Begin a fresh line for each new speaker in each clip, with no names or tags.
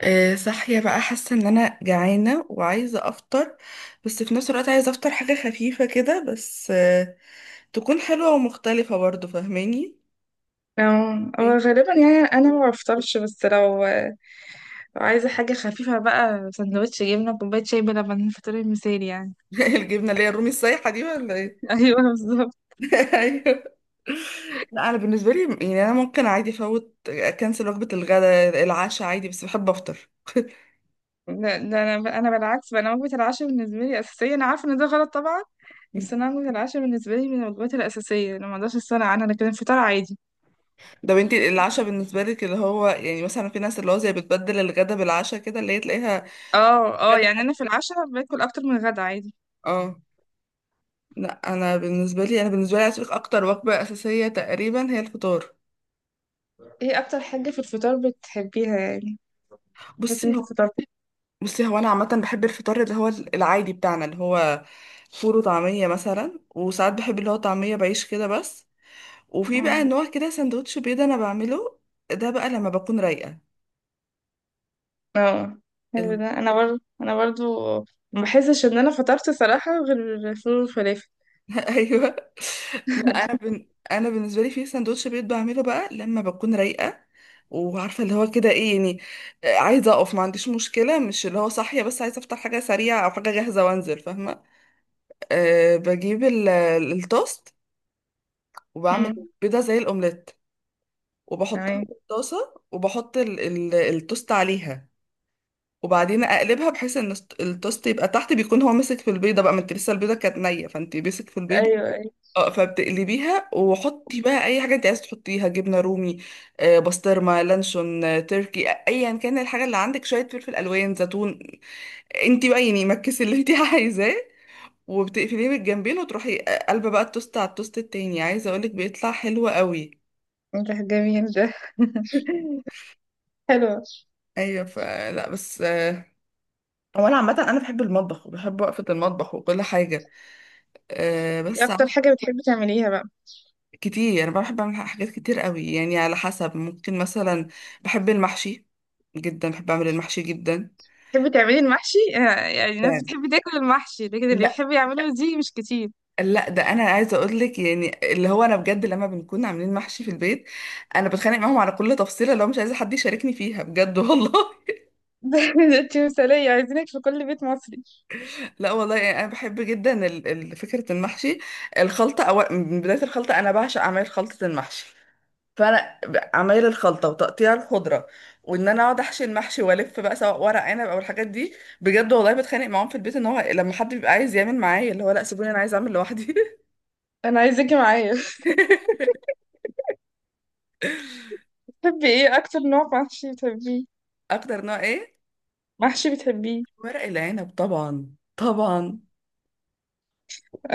صاحية بقى، حاسة ان انا جعانة وعايزة افطر. بس في نفس الوقت عايزة افطر حاجة خفيفة كده بس، تكون حلوة ومختلفة برضو. فاهماني؟
هو
ايه.
غالبا يعني انا ما بفطرش، بس لو عايزه حاجه خفيفه بقى سندوتش جبنه كوبايه شاي بلبن، فطوري المثالي يعني.
الجبنة اللي هي الرومي السايحة دي ولا ايه؟
ايوه بالظبط.
ايوه. لا، انا بالنسبة لي يعني انا ممكن عادي افوت، اكنسل وجبة الغداء، العشاء عادي، بس بحب افطر.
لا ده انا بالعكس بقى، انا وجبه العشاء بالنسبه لي اساسيه، انا عارفه ان ده غلط طبعا، بس انا وجبه العشاء بالنسبه لي من الوجبات الاساسيه، انا ما اقدرش استغنى عنها، لكن الفطار عادي.
ده بنتي العشاء بالنسبة لك اللي هو يعني مثلا في ناس اللي هو زي بتبدل الغدا بالعشاء كده اللي هي تلاقيها
اه اه،
غدا
يعني
حد.
انا في العشاء باكل اكتر من الغدا عادي.
اه. لا، انا بالنسبه لي عايز أقولك اكتر وجبه اساسيه تقريبا هي الفطار.
ايه اكتر حاجه في الفطار بتحبيها يعني؟ بس
بصي
انت
هو
فطرتي.
بصي هو انا عامه بحب الفطار اللي هو العادي بتاعنا اللي هو فول وطعميه مثلا، وساعات بحب اللي هو طعميه بعيش كده بس. وفي
آه.
بقى نوع كده سندوتش بيض انا بعمله، ده بقى لما بكون رايقه.
اه، حلو ده. انا برضو ما بحسش ان انا فطرت صراحة غير الفول والفلافل.
ايوه. لا انا بالنسبه لي في سندوتش بيض بعمله بقى لما بكون رايقه، وعارفه اللي هو كده ايه يعني. عايزه اقف، ما عنديش مشكله، مش اللي هو صاحيه بس عايزه افطر حاجه سريعه او حاجه جاهزه وانزل. فاهمه؟ بجيب التوست وبعمل
امم
بيضه زي الاومليت، وبحطها
تمام.
في الطاسه وبحط التوست عليها. وبعدين اقلبها بحيث ان التوست يبقى تحت، بيكون هو ماسك في البيضه بقى، ما انت لسه البيضه كانت نيه فانت ماسك في البيضه.
ايوه ايوه،
اه فبتقلبيها وحطي بقى اي حاجه انت عايزه تحطيها، جبنه رومي، بسطرمه، لانشون، تركي، ايا كان الحاجه اللي عندك، شويه فلفل الوان، زيتون، انت بقى يعني مكسي اللي انت عايزاه. وبتقفليه بالجنبين وتروحي قلبه بقى التوست على التوست التاني. عايزه اقولك بيطلع حلو قوي.
ده جميل ده. حلو.
ايوه فلا بس، هو انا عامه انا بحب المطبخ وبحب وقفه المطبخ وكل حاجه، آه،
إيه
بس
اكتر حاجة بتحبي تعمليها بقى؟
كتير. انا بحب اعمل حاجات كتير قوي يعني على حسب. ممكن مثلا بحب المحشي جدا، بحب اعمل المحشي جدا
بتحبي تعملي المحشي، آه، يعني الناس
يعني.
بتحب تاكل المحشي، لكن اللي
لا،
بيحب يعمله دي مش كتير.
لا ده انا عايزه اقول لك يعني اللي هو انا بجد لما بنكون عاملين محشي في البيت انا بتخانق معاهم على كل تفصيله، لو مش عايزه حد يشاركني فيها بجد والله.
ده انت مثالية، عايزينك في كل بيت مصري.
لا والله يعني انا بحب جدا فكره المحشي، الخلطه، أو من بدايه الخلطه. انا بعشق اعمال خلطه المحشي، فانا عمايل الخلطه وتقطيع الخضره، وان انا اقعد احشي المحشي والف بقى، سواء ورق عنب او الحاجات دي. بجد والله بتخانق معاهم في البيت ان هو لما حد بيبقى عايز يعمل معايا اللي هو لا، سيبوني انا عايز اعمل لوحدي.
انا عايزاكي معايا. بتحبي ايه اكتر نوع محشي بتحبيه؟
اكتر نوع ايه؟
محشي بتحبيه؟
ورق العنب طبعا، طبعا.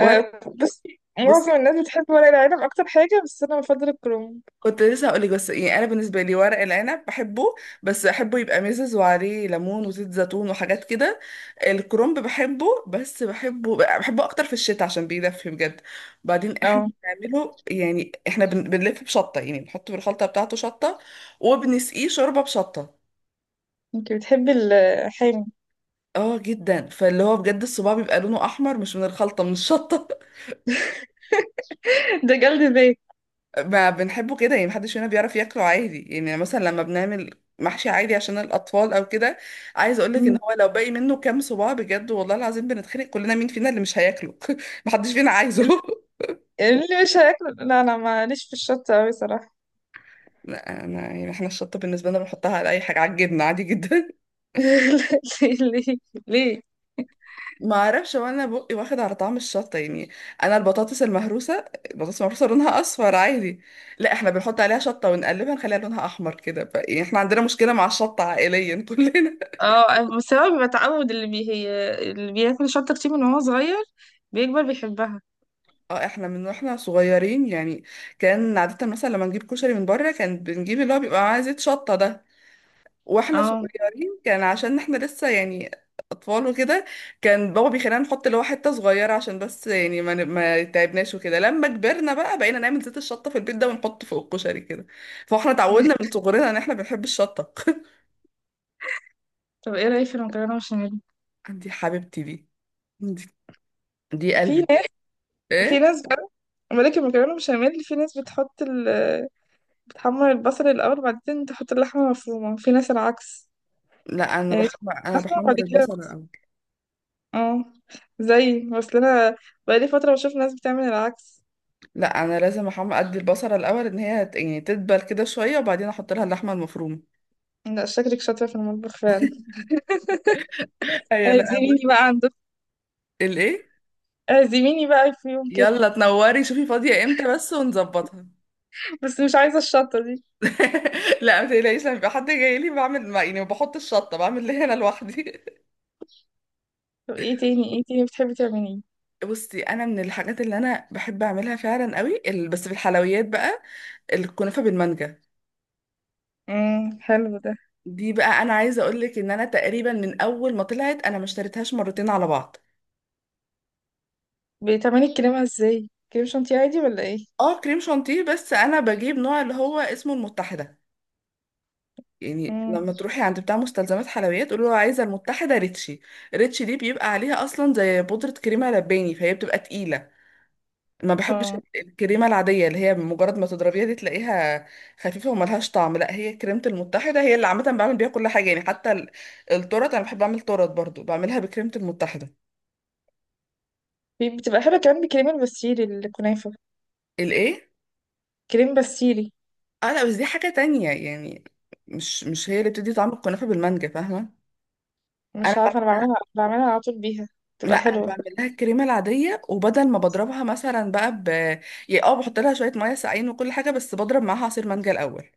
ورق.
بس
بصي
معظم الناس بتحب ورق العنب اكتر حاجة، بس انا بفضل الكرنب.
كنت لسه هقولك، بس يعني انا بالنسبه لي ورق العنب بحبه، بس احبه يبقى مزز وعليه ليمون وزيت زيتون وحاجات كده. الكرنب بحبه، بس بحبه، بحبه اكتر في الشتاء عشان بيدفي بجد. بعدين احنا
اه،
بنعمله يعني احنا بنلف بشطه، يعني بنحط بالخلطه بتاعته شطه وبنسقيه شوربه بشطه.
انت بتحبي الحامي؟
اه جدا، فاللي هو بجد الصباع بيبقى لونه احمر مش من الخلطه، من الشطه.
ده جلد ذات.
ما بنحبه كده يعني محدش فينا بيعرف ياكله عادي. يعني مثلا لما بنعمل محشي عادي عشان الأطفال أو كده، عايز أقولك إن
مم.
هو لو باقي منه كام صباع بجد والله العظيم بنتخانق كلنا مين فينا اللي مش هياكله. محدش فينا عايزه.
اللي مش هياكله، لا انا ماليش في الشطة اوي صراحة.
لا أنا يعني إحنا الشطة بالنسبة لنا بنحطها على أي حاجة، على الجبنة عادي جدا.
ليه؟ ليه؟ ليه؟
ما أعرفش، وأنا بقي واخد على طعم الشطة يعني. أنا البطاطس المهروسة، البطاطس المهروسة لونها أصفر عادي. لا، إحنا بنحط عليها شطة ونقلبها نخليها لونها أحمر كده يعني إحنا عندنا مشكلة مع الشطة عائليا كلنا.
اه، بسبب التعود، اللي بي هي اللي بياكل شطة كتير من وهو صغير بيكبر بيحبها.
اه احنا من واحنا صغيرين يعني، كان عادة مثلا لما نجيب كشري من بره كان بنجيب اللي هو بيبقى معاه زيت شطة ده. واحنا
اه.
صغيرين كان عشان احنا لسه يعني اطفال وكده، كان بابا بيخلينا نحط اللي هو حتة صغيرة عشان بس يعني ما تعبناش وكده. لما كبرنا بقى بقينا نعمل زيت الشطة في البيت ده ونحط فوق الكشري كده. فاحنا اتعودنا من صغرنا ان احنا بنحب الشطة.
طب ايه رأيك في المكرونة بشاميل؟
دي حبيبتي دي. دي, دي
في ناس،
قلبي.
في
ايه؟
ناس بقى، ملك المكرونة بشاميل، في ناس بتحط ال... بتحمر البصل الأول وبعدين تحط اللحمة المفرومة، في ناس العكس،
لا،
يعني
انا
لحمة
بحمر
وبعد كده.
البصل الاول.
اه، زي اصل انا بقالي فترة بشوف ناس بتعمل العكس.
لا انا لازم احمر، ادي البصله الاول ان هي يعني تدبل كده شويه وبعدين احط لها اللحمه المفرومه.
لا، شكلك شاطرة في المطبخ فعلا.
ايوه. لا
اعزميني
بص.
بقى عندك،
الايه؟
اعزميني بقى في يوم كده،
يلا تنوري، شوفي فاضيه امتى بس ونظبطها.
بس مش عايزة الشطة دي.
لا ما تقلقيش، لما يبقى حد جاي لي بعمل، ما يعني ما بحط الشطه، بعمل اللي هنا لوحدي.
طب ايه تاني، ايه تاني بتحبي تعمليه؟
بصي انا من الحاجات اللي انا بحب اعملها فعلا قوي، بس في الحلويات بقى الكنافه بالمانجا.
حلو ده.
دي بقى انا عايزه اقول لك ان انا تقريبا من اول ما طلعت انا ما اشتريتهاش مرتين على بعض.
بتعملي الكريمة ازاي؟ كريم شانتيه عادي ولا ايه؟
اه كريم شانتيه، بس انا بجيب نوع اللي هو اسمه المتحده. يعني
امم.
لما تروحي عند بتاع مستلزمات حلويات قولي له عايزه المتحده ريتشي. ريتشي دي بيبقى عليها اصلا زي بودره كريمه لباني، فهي بتبقى تقيله. ما بحبش
اه،
الكريمه العاديه اللي هي مجرد ما تضربيها دي تلاقيها خفيفه وملهاش طعم. لا هي كريمه المتحده هي اللي عامه بعمل بيها كل حاجه يعني، حتى التورت انا بحب اعمل تورت برضو بعملها بكريمه المتحده.
بتبقى حلوة كمان بكريم البسيلي الكنافة.
الايه؟
كريم بسيلي.
اه لا بس دي حاجه تانية يعني، مش هي اللي بتدي طعم الكنافه بالمانجا. فاهمه؟ انا
مش عارفة، انا بعملها، بعملها على طول بيها،
لا
بتبقى
انا
حلوة.
بعمل لها الكريمه العاديه وبدل ما بضربها مثلا بقى يعني اه بحط لها شويه ميه ساقعين وكل حاجه، بس بضرب معاها عصير مانجا الاول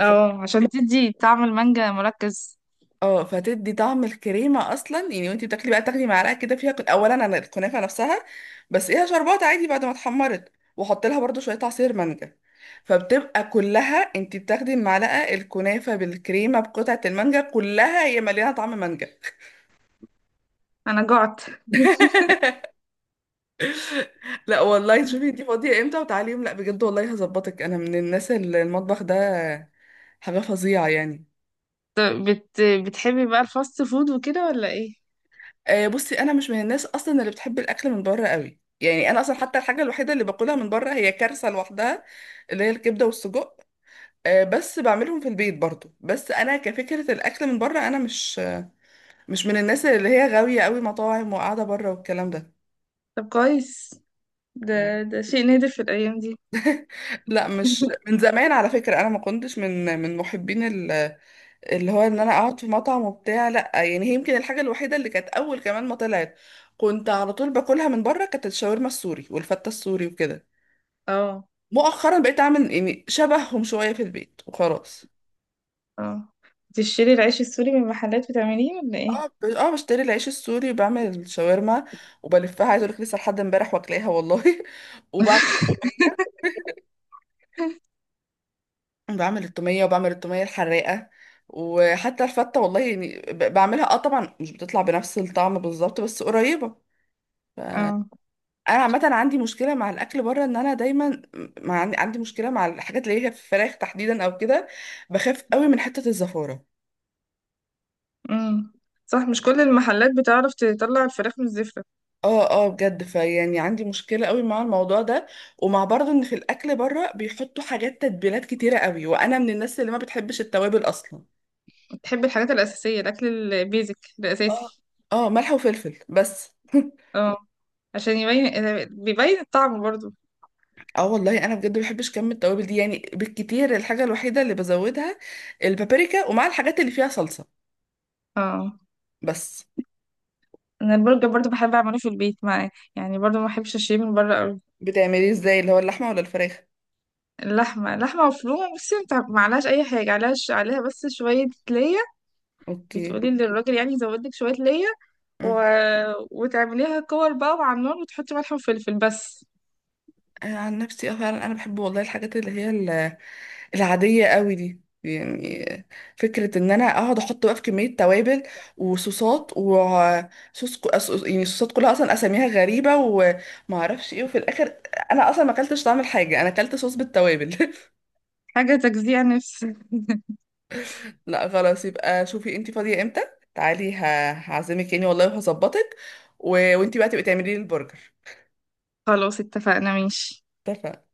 ف...
عشان تدي طعم المانجا مركز.
اه، فتدي طعم الكريمه اصلا يعني. وانتي بتاكلي بقى تاخدي معلقه كده فيها اولا انا الكنافه نفسها بس ايه شربات عادي بعد ما اتحمرت، واحط لها برضو شويه عصير مانجا، فبتبقى كلها. انتي بتاخدي المعلقه الكنافه بالكريمه بقطعه المانجا كلها هي مليانه طعم مانجا.
انا جعت.
لا والله شوفي دي فاضية امتى وتعالي يوم، لا بجد والله هظبطك، انا من الناس اللي المطبخ ده حاجة فظيعة يعني.
طب بتحبي بقى الفاست فود وكده ولا ايه؟
آه، بصي انا مش من الناس اصلا اللي بتحب الاكل من بره قوي. يعني انا اصلا حتى الحاجة الوحيدة اللي باكلها من بره هي كارثة لوحدها، اللي هي الكبدة والسجق. آه، بس بعملهم في البيت برضو. بس انا كفكرة الاكل من بره انا مش مش من الناس اللي هي غاوية قوي مطاعم وقاعدة بره والكلام ده.
طب كويس، ده ده شيء نادر في الايام دي.
لا مش من زمان على فكرة، انا ما كنتش من محبين اللي هو ان انا اقعد في مطعم وبتاع. لا يعني هي يمكن الحاجه الوحيده اللي كانت اول كمان ما طلعت كنت على طول باكلها من بره، كانت الشاورما السوري والفته السوري وكده.
اه
مؤخرا بقيت اعمل يعني شبههم شويه في البيت وخلاص.
اه. تشتري العيش السوري من محلات بتعمليه ولا ايه؟
اه بشتري العيش السوري وبعمل الشاورما وبلفها. عايز اقول لك لسه لحد امبارح واكلاها والله. وبعمل التوميه. بعمل التوميه وبعمل التوميه الحراقه. وحتى الفته والله يعني، بعملها اه. طبعا مش بتطلع بنفس الطعم بالظبط بس قريبه.
اه.
انا عامه عندي مشكله مع الاكل بره ان انا دايما مع عندي عندي مشكله مع الحاجات اللي هي في الفراخ تحديدا او كده، بخاف قوي من حته الزفاره.
امم صح، مش كل المحلات بتعرف تطلع الفراخ من الزفرة.
اه اه بجد، فيعني عندي مشكله قوي مع الموضوع ده. ومع برضه ان في الاكل بره بيحطوا حاجات تتبيلات كتيره قوي، وانا من الناس اللي ما بتحبش التوابل اصلا.
بتحب الحاجات الأساسية، الأكل البيزك
اه
الأساسي.
اه، ملح وفلفل بس.
اه، عشان يبين، بيبين الطعم برضو.
اه والله انا بجد ما بحبش كم التوابل دي يعني. بالكتير الحاجه الوحيده اللي بزودها البابريكا، ومع الحاجات اللي فيها صلصه
اه،
بس.
انا البرجر برضو بحب اعمله في البيت، معاه يعني برضو ما بحبش اشتريه من بره قوي.
بتعمليه ازاي اللي هو اللحمه ولا الفراخ؟
اللحمة، لحمة مفرومة، بصي انت ما عليهاش أي حاجة، عليها عليها بس شوية ليا.
اوكي.
بتقولي للراجل يعني يزود لك شوية ليا و...
مم.
وتعمليها كور بقى مع النار، وتحطي ملح وفلفل بس.
انا عن نفسي اه فعلا انا بحب والله الحاجات اللي هي العاديه قوي دي يعني. فكره ان انا اقعد احط بقى في كميه توابل وصوصات وصوص يعني صوصات كلها اصلا اساميها غريبه وما اعرفش ايه، وفي الاخر انا اصلا ما اكلتش طعم الحاجه، انا اكلت صوص بالتوابل.
حاجة تجزيع نفسي.
لا خلاص يبقى شوفي انتي فاضيه امتى تعالي، هعزمك يعني والله وهظبطك و... وانتي بقى تبقي تعملي لي البرجر.
خلاص، اتفقنا ماشي.
اتفقنا.